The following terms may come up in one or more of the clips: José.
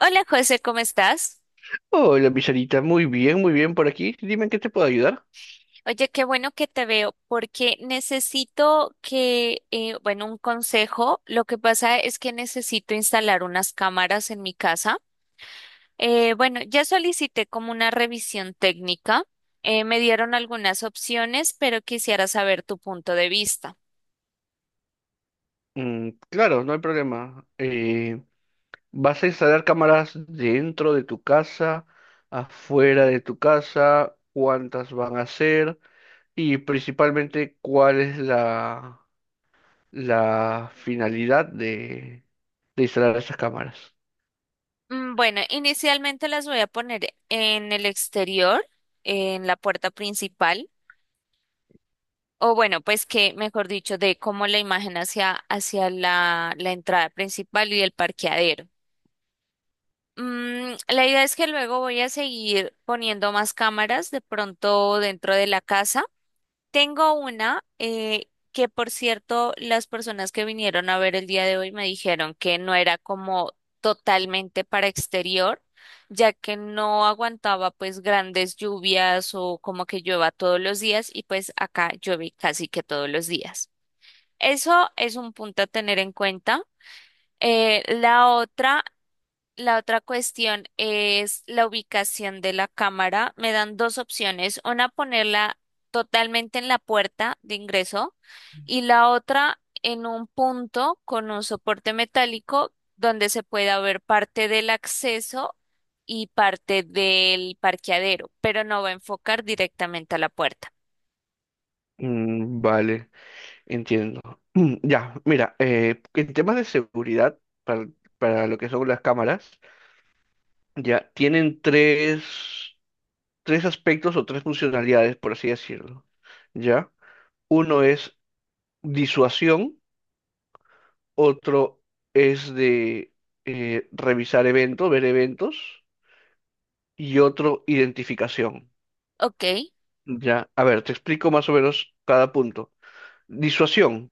Hola José, ¿cómo estás? Hola, Pizarita, muy bien por aquí. Dime en qué te puedo ayudar. Oye, qué bueno que te veo porque necesito un consejo. Lo que pasa es que necesito instalar unas cámaras en mi casa. Bueno, ya solicité como una revisión técnica. Me dieron algunas opciones, pero quisiera saber tu punto de vista. Mm, claro, no hay problema. ¿Vas a instalar cámaras dentro de tu casa, afuera de tu casa? ¿Cuántas van a ser? Y principalmente, ¿cuál es la finalidad de instalar esas cámaras? Bueno, inicialmente las voy a poner en el exterior, en la puerta principal. O bueno, pues de cómo la imagen hacia la entrada principal y el parqueadero. La idea es que luego voy a seguir poniendo más cámaras de pronto dentro de la casa. Tengo una que, por cierto, las personas que vinieron a ver el día de hoy me dijeron que no era como totalmente para exterior, ya que no aguantaba pues grandes lluvias o como que llueva todos los días y pues acá llueve casi que todos los días. Eso es un punto a tener en cuenta. Eh, la otra, la otra cuestión es la ubicación de la cámara. Me dan dos opciones. Una, ponerla totalmente en la puerta de ingreso y la otra en un punto con un soporte metálico donde se pueda ver parte del acceso y parte del parqueadero, pero no va a enfocar directamente a la puerta. Mm, vale. Entiendo. Ya, mira, en temas de seguridad, para, para lo que son las cámaras, ya tienen tres aspectos o tres funcionalidades, por así decirlo. ¿Ya? Uno es disuasión, otro es de revisar eventos, ver eventos, y otro identificación. Ok, ¿Ya? A ver, te explico más o menos cada punto. Disuasión.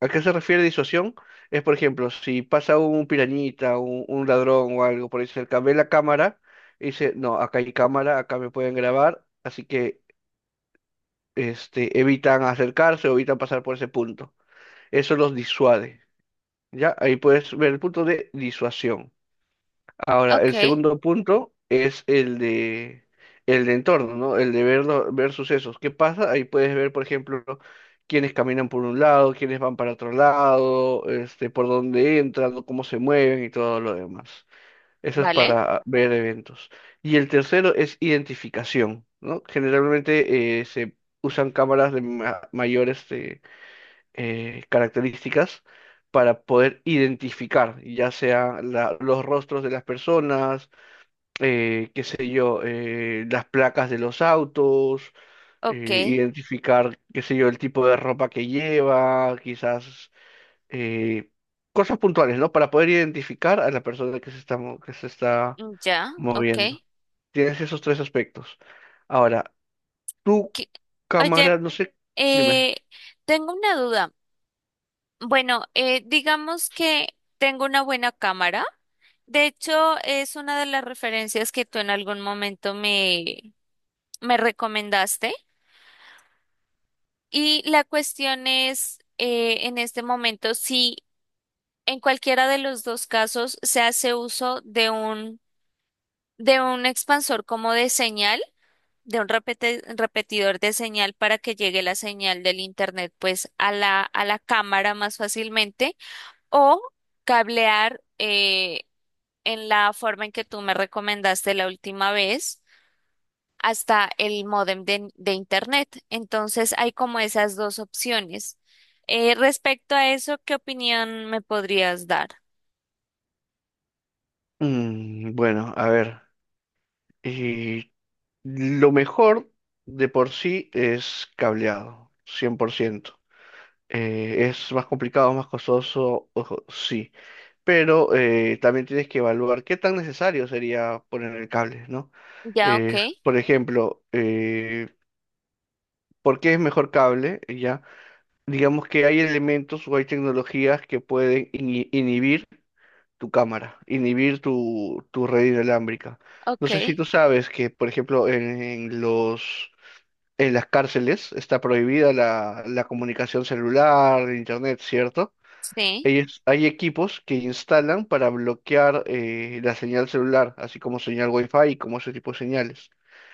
¿A qué se refiere disuasión? Es, por ejemplo, si pasa un pirañita, un ladrón o algo por ahí cerca, ve la cámara y dice, no, acá hay cámara, acá me pueden grabar, así que evitan acercarse o evitan pasar por ese punto. Eso los disuade, ¿ya? Ahí puedes ver el punto de disuasión. Ahora, ok, el segundo punto es el de entorno, ¿no? El de ver, ver sucesos. ¿Qué pasa? Ahí puedes ver, por ejemplo, quiénes caminan por un lado, quiénes van para otro lado, por dónde entran, o cómo se mueven y todo lo demás. Eso es vale, para ver eventos. Y el tercero es identificación, ¿no? Generalmente se usan cámaras de mayor características para poder identificar, ya sea los rostros de las personas, qué sé yo, las placas de los autos, ok. eh, identificar, qué sé yo, el tipo de ropa que lleva, quizás eh, cosas puntuales, ¿no? Para poder identificar a la persona que se está Ya, ok. moviendo. Tienes esos tres aspectos. Ahora, tu Ok. Oye, cámara, no sé, dime. eh, tengo una duda. Bueno, digamos que tengo una buena cámara. De hecho, es una de las referencias que tú en algún momento me recomendaste. Y la cuestión es, en este momento, si en cualquiera de los dos casos se hace uso de un expansor como de señal. De un repetidor de señal para que llegue la señal del internet pues a la cámara más fácilmente o cablear en la forma en que tú me recomendaste la última vez hasta el módem de internet. Entonces hay como esas dos opciones. Respecto a eso, ¿qué opinión me podrías dar? Mm, bueno, a ver. eh, lo mejor de por sí es cableado, cien por ciento. Es más complicado, más costoso, ojo, sí, pero también tienes que evaluar qué tan necesario sería poner el cable, ¿no? Ya, ok, Por ejemplo, ¿por qué es mejor cable? Ya, digamos que hay elementos o hay tecnologías que pueden inhibir tu cámara, inhibir tu red inalámbrica. No ok, sé si tú sabes que, por ejemplo, en las cárceles está prohibida la comunicación celular, internet, ¿cierto? sí, Ellos, hay equipos que instalan para bloquear la señal celular, así como señal Wi-Fi y como ese tipo de señales.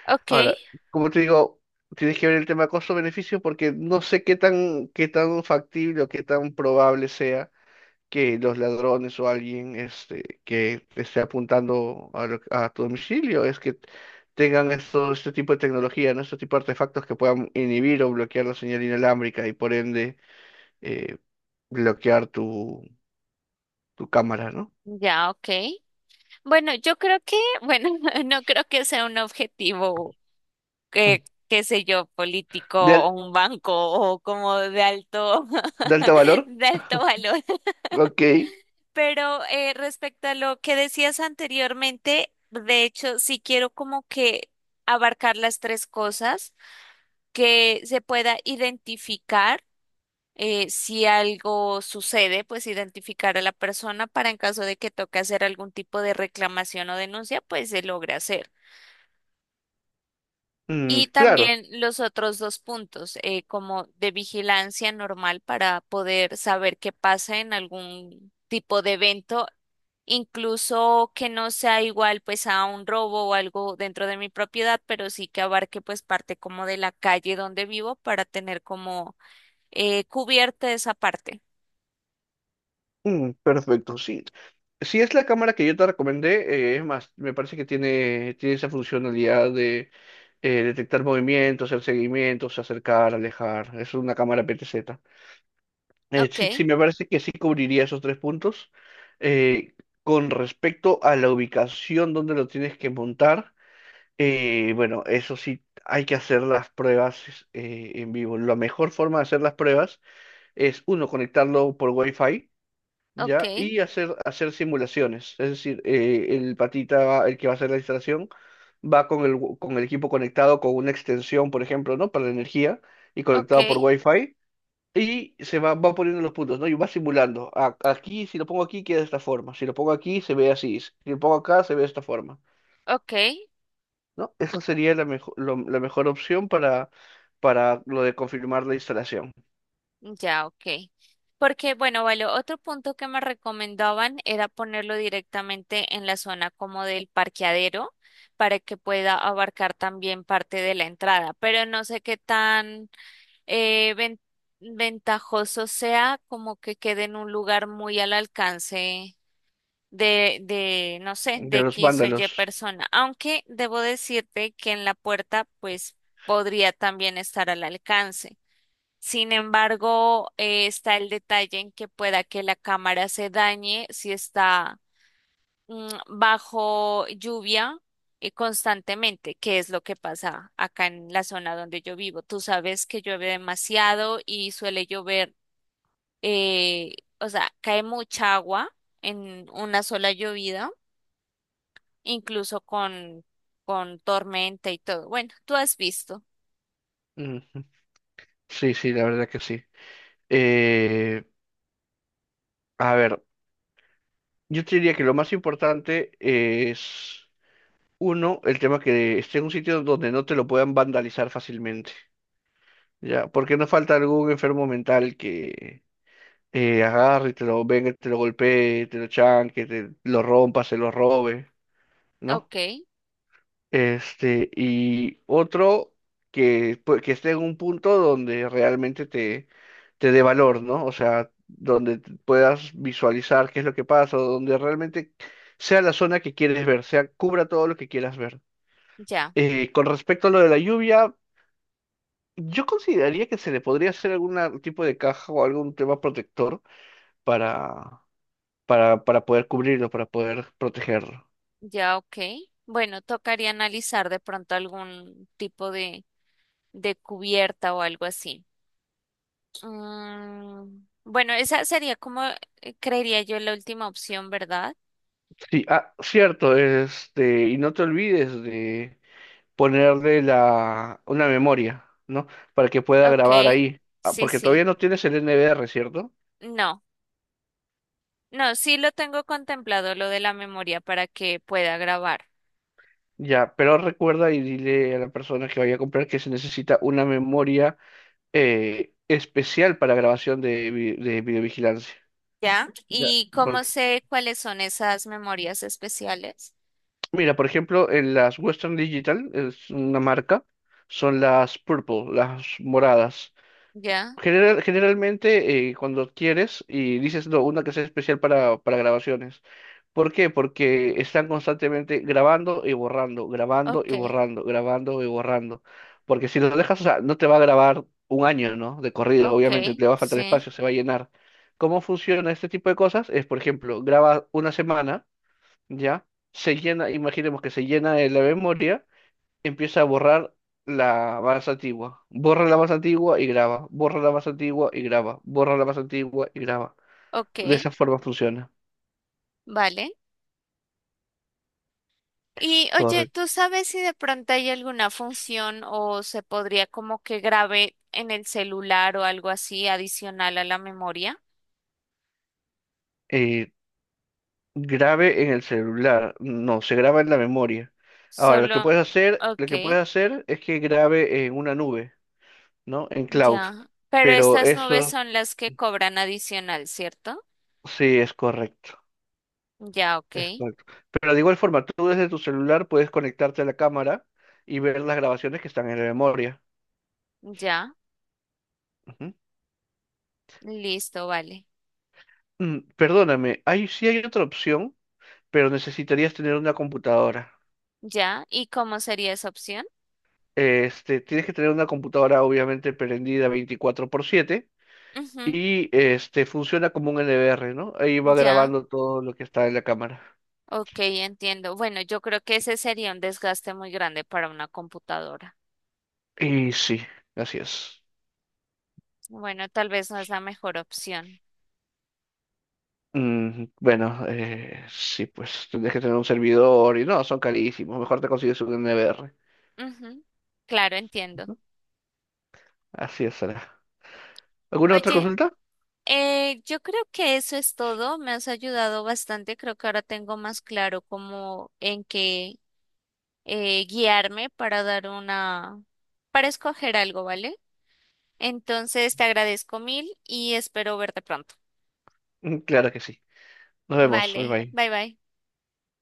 ok, Ahora, como te digo, tienes que ver el tema costo-beneficio porque no sé qué tan, factible o qué tan probable sea que los ladrones o alguien que te esté apuntando a tu domicilio es que tengan este tipo de tecnología, ¿no? Este tipo de artefactos que puedan inhibir o bloquear la señal inalámbrica y por ende eh, bloquear tu cámara, ¿no? ya, ok. Bueno, yo creo que, bueno, no creo que sea un objetivo que, qué sé yo, político De, o al- un banco o como de alto valor. de alto valor. Ok. Pero respecto a lo que decías anteriormente, de hecho, sí quiero como que abarcar las tres cosas, que se pueda identificar si algo sucede, pues identificar a la persona para en caso de que toque hacer algún tipo de reclamación o denuncia, pues se logre hacer. Mm, Y claro. también los otros dos puntos, como de vigilancia normal para poder saber qué pasa en algún tipo de evento, incluso que no sea igual pues a un robo o algo dentro de mi propiedad, pero sí que abarque pues parte como de la calle donde vivo para tener como cubierta esa parte. Mm, perfecto. Sí. Si es la cámara que yo te recomendé, es más, me parece que tiene esa funcionalidad de detectar movimientos, hacer seguimientos, acercar, alejar. Es una cámara PTZ. Eh, Ok, sí, sí, me parece que sí cubriría esos tres puntos. Eh, con respecto a la ubicación donde lo tienes que montar, bueno, eso sí, hay que hacer las pruebas en vivo. La mejor forma de hacer las pruebas es uno, conectarlo por Wi-Fi, ok, ¿ya? Y hacer simulaciones. Es decir, el patita, el que va a hacer la instalación, va con con el equipo conectado con una extensión, por ejemplo, ¿no? Para la energía y ok, conectado por Wi-Fi. Y se va poniendo los puntos, ¿no? Y va simulando. Aquí, si lo pongo aquí, queda de esta forma. Si lo pongo aquí, se ve así. Si lo pongo acá, se ve de esta forma. ok. ¿No? Esa sería la mejor opción para lo de confirmar la instalación Ya, ok. Porque, bueno, vale, otro punto que me recomendaban era ponerlo directamente en la zona como del parqueadero para que pueda abarcar también parte de la entrada, pero no sé qué tan eh, ven- ventajoso sea como que quede en un lugar muy al alcance no sé, de de los X o Y vándalos. persona, aunque debo decirte que en la puerta pues podría también estar al alcance. Sin embargo, está el detalle en que pueda que la cámara se dañe si está bajo lluvia constantemente, que es lo que pasa acá en la zona donde yo vivo. Tú sabes que llueve demasiado y suele llover, o sea, cae mucha agua en una sola llovida, incluso con, con tormenta y todo. Bueno, tú has visto. Sí, sí, la verdad que sí. Eh, a ver, yo te diría que lo más importante es, uno, el tema que esté en un sitio donde no te lo puedan vandalizar fácilmente, ¿ya? Porque no falta algún enfermo mental que agarre y te lo venga, te lo golpee, te lo chanque, te lo rompa, se lo robe, ¿no? Ok, Y otro que esté en un punto donde realmente te dé valor, ¿no? O sea, donde puedas visualizar qué es lo que pasa, o donde realmente sea la zona que quieres ver, cubra todo lo que quieras ver. ya. Con respecto a lo de la lluvia, yo consideraría que se le podría hacer algún tipo de caja o algún tema protector para, para poder cubrirlo, para poder protegerlo. Ya, ok. Bueno, tocaría analizar de pronto algún tipo de cubierta o algo así. Mm, bueno, esa sería como, creería yo, la última opción, ¿verdad? Sí, ah, cierto, y no te olvides de ponerle una memoria, ¿no? Para que pueda grabar Ok, ahí. Ah, sí, porque sí. todavía no tienes el NVR, ¿cierto? No, no, sí lo tengo contemplado lo de la memoria para que pueda grabar. Ya, pero recuerda y dile a la persona que vaya a comprar que se necesita una memoria especial para grabación de videovigilancia. ¿Ya? Ya, ¿Y cómo porque, sé cuáles son esas memorias especiales? mira, por ejemplo, en las Western Digital, es una marca, son las purple, las moradas. ¿Ya? Generalmente cuando adquieres y dices no, una que sea especial para grabaciones. ¿Por qué? Porque están constantemente grabando y borrando, grabando y Ok, borrando, grabando y borrando. Porque si lo dejas, o sea, no te va a grabar un año, ¿no? De corrido, obviamente ok, te va a faltar sí, espacio, se va a llenar. ¿Cómo funciona este tipo de cosas? Es, por ejemplo, graba una semana, ¿ya? Se llena, imaginemos que se llena la memoria empieza a borrar la más antigua. Borra la más antigua y graba. Borra la más antigua y graba. Borra la más antigua y graba. De ok, esa forma funciona. vale. Y oye, Correcto. ¿tú sabes si de pronto hay alguna función o se podría como que grabe en el celular o algo así adicional a la memoria? Eh, grabe en el celular. No, se graba en la memoria. Ahora, lo que Solo, puedes hacer, lo ok, que puedes hacer es que grabe en una nube, ¿no? En cloud. ya. Pero Pero estas nubes eso son las que cobran adicional, ¿cierto? sí es correcto. Ya, ok, Es correcto. Pero de igual forma, tú desde tu celular puedes conectarte a la cámara y ver las grabaciones que están en la memoria. ya, Ujú. listo, vale. Mm, perdóname, sí hay otra opción, pero necesitarías tener una computadora. Ya, ¿y cómo sería esa opción? Tienes que tener una computadora obviamente prendida 24 por 7 y funciona como un NVR, ¿no? Ahí Ujú, va ya, grabando todo lo que está en la cámara. ok, entiendo. Bueno, yo creo que ese sería un desgaste muy grande para una computadora. Y sí, así es. Bueno, tal vez no es la mejor opción. Mm, bueno, sí, pues tendrías que tener un servidor y no, son carísimos. Mejor te consigues un NVR. Ujú, claro, entiendo. Así es, Sara. ¿Alguna otra Oye, consulta? Yo creo que eso es todo. Me has ayudado bastante. Creo que ahora tengo más claro cómo en qué guiarme para para escoger algo, ¿vale? Entonces te agradezco mil y espero verte pronto. Mm, claro que sí. Nos vemos. Bye Vale, bye. bye bye.